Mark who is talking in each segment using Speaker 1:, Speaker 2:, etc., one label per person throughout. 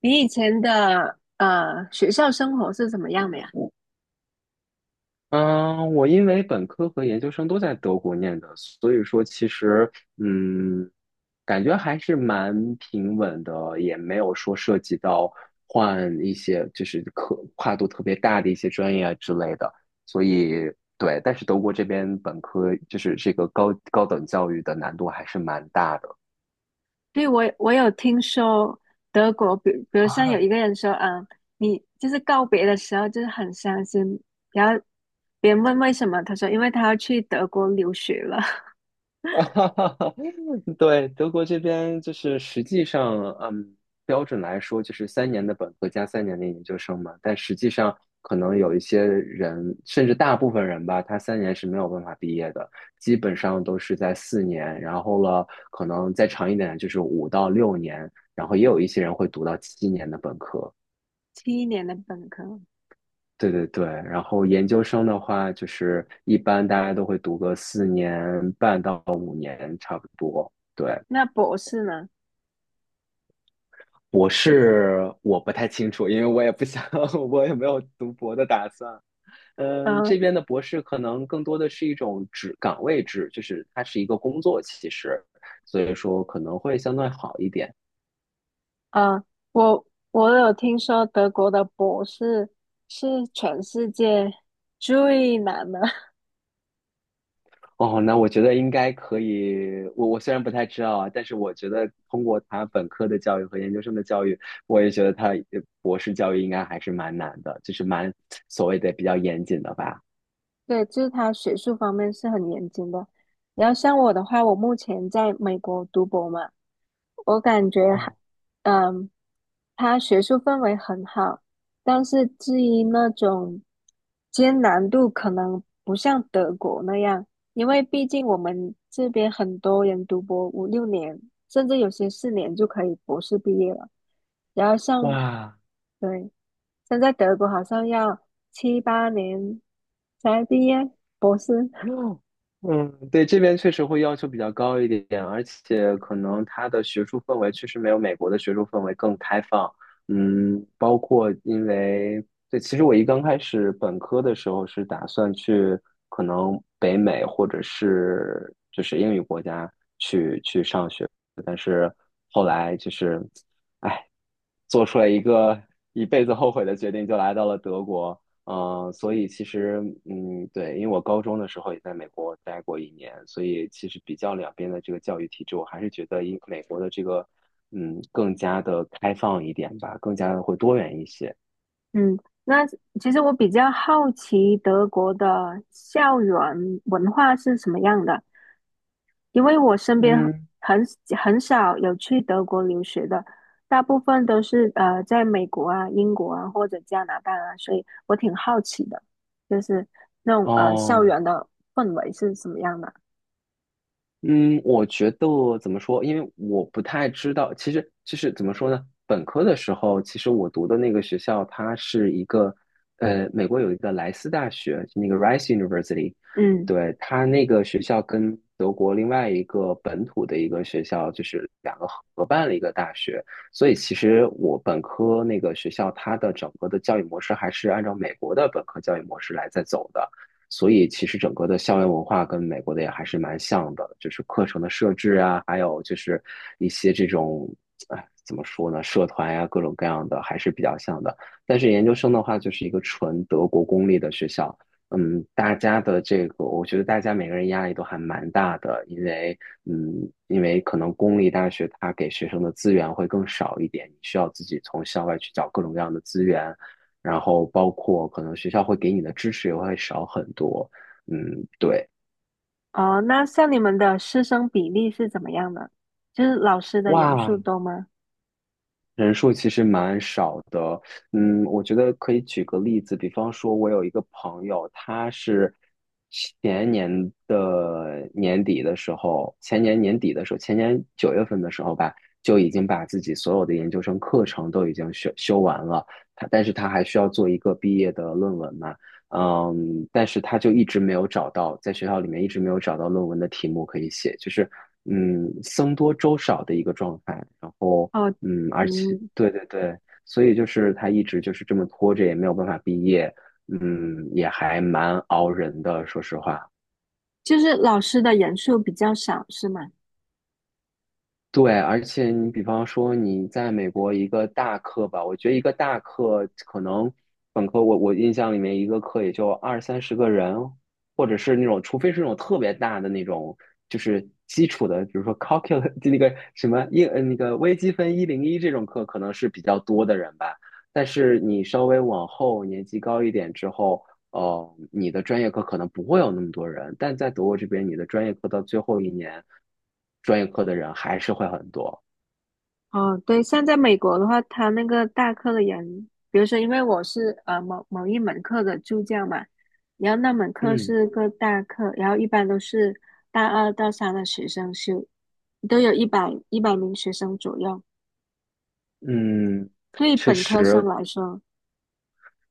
Speaker 1: 你以前的学校生活是怎么样的呀？
Speaker 2: 嗯，我因为本科和研究生都在德国念的，所以说其实嗯，感觉还是蛮平稳的，也没有说涉及到换一些就是科跨度特别大的一些专业啊之类的。所以对，但是德国这边本科就是这个高等教育的难度还是蛮大的。
Speaker 1: 对，我有听说德国，比如像有一个 人说，你就是告别的时候就是很伤心，然后别人问为什么，他说因为他要去德国留学了，
Speaker 2: 哈哈哈，对，德国这边就是实际上，标准来说就是三年的本科加三年的研究生嘛。但实际上，可能有一些人，甚至大部分人吧，他三年是没有办法毕业的，基本上都是在四年，然后了，可能再长一点就是5到6年，然后也有一些人会读到7年的本科。
Speaker 1: 7年的本科，
Speaker 2: 对对对，然后研究生的话，就是一般大家都会读个4年半到5年，差不多。对。
Speaker 1: 那博士呢？
Speaker 2: 博士我不太清楚，因为我也不想，我也没有读博的打算。嗯，
Speaker 1: 嗯
Speaker 2: 这边的博士可能更多的是一种职岗位制，就是它是一个工作，其实，所以说可能会相对好一点。
Speaker 1: 嗯，我我有听说德国的博士是全世界最难的，
Speaker 2: 哦，那我觉得应该可以。我虽然不太知道啊，但是我觉得通过他本科的教育和研究生的教育，我也觉得他博士教育应该还是蛮难的，就是蛮所谓的比较严谨的吧。
Speaker 1: 对，就是他学术方面是很严谨的。然后像我的话，我目前在美国读博嘛，我感觉还，
Speaker 2: 哦，
Speaker 1: 嗯，他学术氛围很好，但是至于那种艰难度，可能不像德国那样，因为毕竟我们这边很多人读博5、6年，甚至有些4年就可以博士毕业了。然后像，
Speaker 2: 哇，
Speaker 1: 对，像在德国好像要7、8年才毕业博士。
Speaker 2: 嗯，对，这边确实会要求比较高一点，而且可能它的学术氛围确实没有美国的学术氛围更开放。嗯，包括因为，对，其实我刚开始本科的时候是打算去可能北美或者是就是英语国家去上学，但是后来就是。做出了一个一辈子后悔的决定，就来到了德国。嗯、所以其实，嗯，对，因为我高中的时候也在美国待过一年，所以其实比较两边的这个教育体制，我还是觉得英美国的这个，更加的开放一点吧，更加的会多元一些。
Speaker 1: 嗯，那其实我比较好奇德国的校园文化是什么样的，因为我身边
Speaker 2: 嗯，
Speaker 1: 很很少有去德国留学的，大部分都是在美国啊、英国啊或者加拿大啊，所以我挺好奇的，就是那种校
Speaker 2: 哦。
Speaker 1: 园的氛围是什么样的。
Speaker 2: 嗯，我觉得怎么说？因为我不太知道，其实怎么说呢？本科的时候，其实我读的那个学校，它是一个美国有一个莱斯大学，就那个 Rice University，
Speaker 1: 嗯，
Speaker 2: 对，它那个学校跟德国另外一个本土的一个学校，就是两个合办了一个大学，所以其实我本科那个学校，它的整个的教育模式还是按照美国的本科教育模式来在走的。所以其实整个的校园文化跟美国的也还是蛮像的，就是课程的设置啊，还有就是一些这种，哎，怎么说呢，社团呀、各种各样的还是比较像的。但是研究生的话，就是一个纯德国公立的学校，嗯，大家的这个，我觉得大家每个人压力都还蛮大的，因为，嗯，因为可能公立大学它给学生的资源会更少一点，你需要自己从校外去找各种各样的资源，然后包括可能学校会给你的支持也会少很多。嗯，对，
Speaker 1: 哦，那像你们的师生比例是怎么样的？就是老师的人数
Speaker 2: 哇，
Speaker 1: 多吗？
Speaker 2: 人数其实蛮少的，嗯，我觉得可以举个例子，比方说，我有一个朋友，他是前年的年底的时候，前年年底的时候，前年9月份的时候吧，就已经把自己所有的研究生课程都已经修完了，但是他还需要做一个毕业的论文嘛，嗯，但是他就一直没有找到，在学校里面一直没有找到论文的题目可以写，就是嗯，僧多粥少的一个状态，然后。
Speaker 1: 哦，
Speaker 2: 嗯，而且
Speaker 1: 嗯，
Speaker 2: 对对对，所以就是他一直就是这么拖着，也没有办法毕业，嗯，也还蛮熬人的，说实话。
Speaker 1: 就是老师的人数比较少，是吗？
Speaker 2: 对，而且你比方说你在美国一个大课吧，我觉得一个大课可能本科我印象里面一个课也就二三十个人，或者是那种，除非是那种特别大的那种，就是基础的，比如说 calculus 就那个什么那个微积分一零一这种课可能是比较多的人吧。但是你稍微往后年级高一点之后，哦，你的专业课可能不会有那么多人，但在德国这边，你的专业课到最后一年，专业课的人还是会很多。
Speaker 1: 哦，对，像在美国的话，他那个大课的人，比如说，因为我是某某一门课的助教嘛，然后那门课
Speaker 2: 嗯
Speaker 1: 是个大课，然后一般都是大二到三的学生修，都有一百名学生左右。
Speaker 2: 嗯，
Speaker 1: 对于
Speaker 2: 确
Speaker 1: 本科生
Speaker 2: 实
Speaker 1: 来说，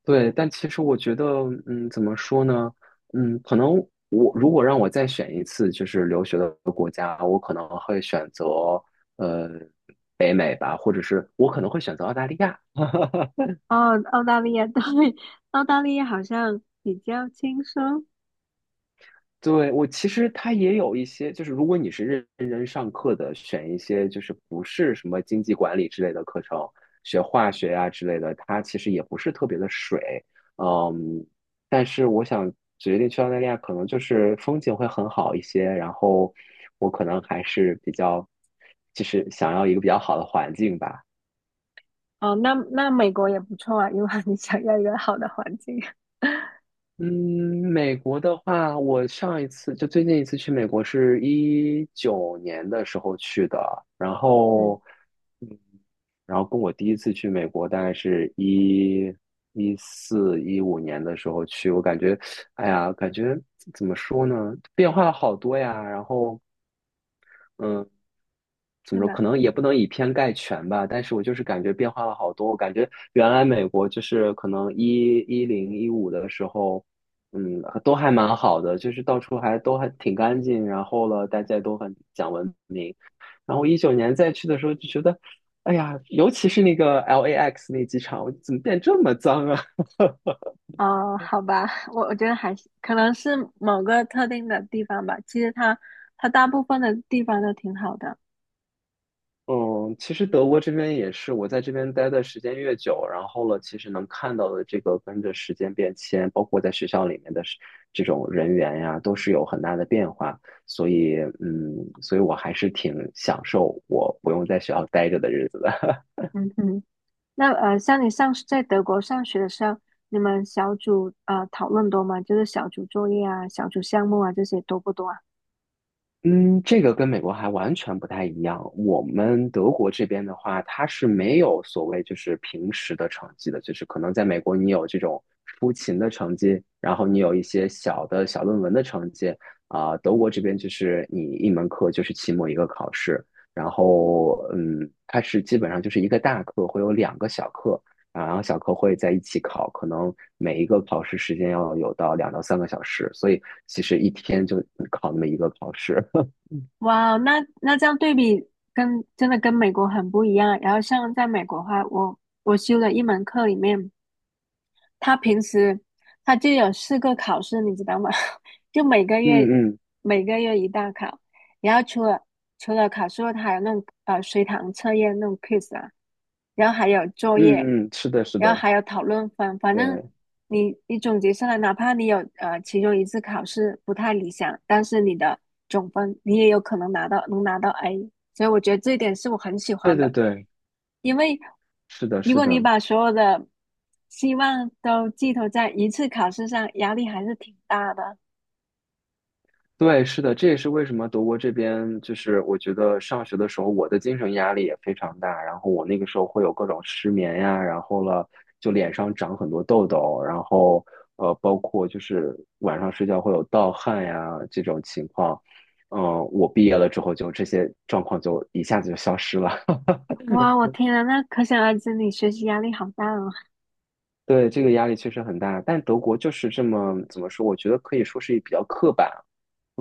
Speaker 2: 对，但其实我觉得，嗯，怎么说呢？嗯，可能如果让我再选一次，就是留学的国家，我可能会选择呃北美吧，或者是我可能会选择澳大利亚。
Speaker 1: 哦，澳大利亚 对，澳大利亚好像比较轻松。
Speaker 2: 对，我其实它也有一些，就是如果你是认真上课的，选一些就是不是什么经济管理之类的课程，学化学呀、之类的，它其实也不是特别的水。嗯，但是我想决定去澳大利亚，可能就是风景会很好一些，然后我可能还是比较，就是想要一个比较好的环境吧。
Speaker 1: 哦，那美国也不错啊，如果 你想要一个好的环境，
Speaker 2: 嗯，美国的话，我上一次就最近一次去美国是一九年的时候去的，然
Speaker 1: 嗯，
Speaker 2: 后跟我第一次去美国，大概是一一四一五年的时候去，我感觉，哎呀，感觉怎么说呢，变化了好多呀。然后嗯，怎
Speaker 1: 是
Speaker 2: 么说？
Speaker 1: 吗？
Speaker 2: 可能也不能以偏概全吧，但是我就是感觉变化了好多。我感觉原来美国就是可能一一零一五的时候，嗯，都还蛮好的，就是到处还都还挺干净，然后了，大家都很讲文明。然后一九年再去的时候就觉得，哎呀，尤其是那个 LAX 那机场，我怎么变这么脏啊？
Speaker 1: 哦，好吧，我觉得还是可能是某个特定的地方吧。其实它大部分的地方都挺好的。
Speaker 2: 嗯，其实德国这边也是，我在这边待的时间越久，然后了，其实能看到的这个跟着时间变迁，包括在学校里面的是这种人员呀，都是有很大的变化。所以，嗯，所以我还是挺享受我不用在学校待着的日子的。
Speaker 1: 嗯哼，那像你上在德国上学的时候，你们小组讨论多吗？就是小组作业啊、小组项目啊这些多不多啊？
Speaker 2: 嗯，这个跟美国还完全不太一样。我们德国这边的话，它是没有所谓就是平时的成绩的，就是可能在美国你有这种出勤的成绩，然后你有一些小的小论文的成绩啊、德国这边就是你一门课就是期末一个考试，然后嗯，它是基本上就是一个大课会有两个小课啊，然后小课会在一起考，可能每一个考试时间要有到两到三个小时，所以其实一天就考那么一个考试。
Speaker 1: 哇，那这样对比跟真的跟美国很不一样。然后像在美国的话，我修了一门课里面。他平时他就有4个考试，你知道吗？就每个
Speaker 2: 嗯
Speaker 1: 月
Speaker 2: 嗯
Speaker 1: 每个月一大考，然后除了考试后，它还有那种随堂测验那种 quiz 啊，然后还有作业，
Speaker 2: 嗯嗯，是的，是
Speaker 1: 然后
Speaker 2: 的，
Speaker 1: 还有讨论分，反正
Speaker 2: 对，
Speaker 1: 你总结下来，哪怕你有其中一次考试不太理想，但是你的总分你也有可能能拿到 A，所以我觉得这一点是我很喜
Speaker 2: 对
Speaker 1: 欢
Speaker 2: 对
Speaker 1: 的，
Speaker 2: 对，
Speaker 1: 因为
Speaker 2: 是的，
Speaker 1: 如
Speaker 2: 是
Speaker 1: 果你
Speaker 2: 的，
Speaker 1: 把所有的希望都寄托在一次考试上，压力还是挺大的。
Speaker 2: 对，是的，这也是为什么德国这边就是我觉得上学的时候我的精神压力也非常大，然后我那个时候会有各种失眠呀，然后了就脸上长很多痘痘，然后包括就是晚上睡觉会有盗汗呀这种情况，嗯、我毕业了之后就这些状况就一下子就消失了，
Speaker 1: 哇，我天啊，那可想而知你学习压力好大哦。
Speaker 2: 对，这个压力确实很大，但德国就是这么怎么说？我觉得可以说是比较刻板、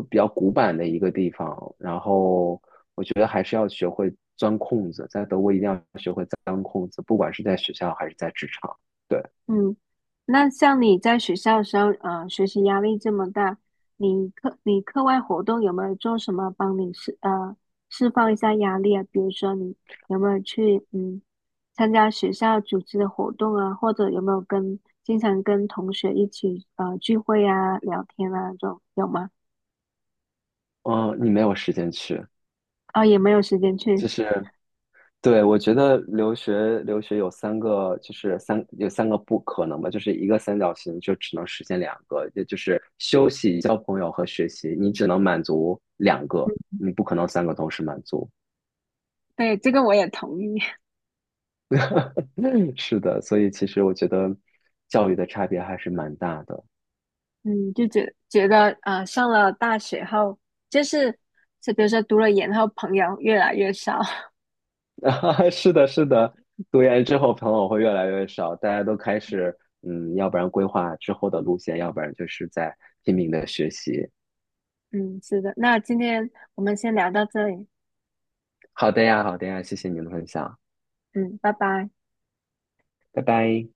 Speaker 2: 比较古板的一个地方。然后我觉得还是要学会钻空子，在德国一定要学会钻空子，不管是在学校还是在职场。对，
Speaker 1: 嗯，那像你在学校的时候，学习压力这么大，你课外活动有没有做什么帮你释放一下压力啊？比如说你有没有去参加学校组织的活动啊，或者有没有经常跟同学一起聚会啊、聊天啊这种有吗？
Speaker 2: 嗯，你没有时间去，
Speaker 1: 啊，也没有时间
Speaker 2: 就
Speaker 1: 去，
Speaker 2: 是。对，我觉得留学有三个，就是有三个不可能吧，就是一个三角形就只能实现两个，也就是休息、交朋友和学习，你只能满足两个，你不可能三个同时满足。
Speaker 1: 对，这个我也同意。
Speaker 2: 是的，所以其实我觉得教育的差别还是蛮大的。
Speaker 1: 嗯，就觉得上了大学后，就是就比如说读了研后，朋友越来越少。
Speaker 2: 是的，是的，读研之后朋友会越来越少，大家都开始嗯，要不然规划之后的路线，要不然就是在拼命的学习。
Speaker 1: 嗯，是的。那今天我们先聊到这里。
Speaker 2: 好的呀，好的呀，谢谢您的分享，
Speaker 1: 嗯，拜拜。
Speaker 2: 拜拜。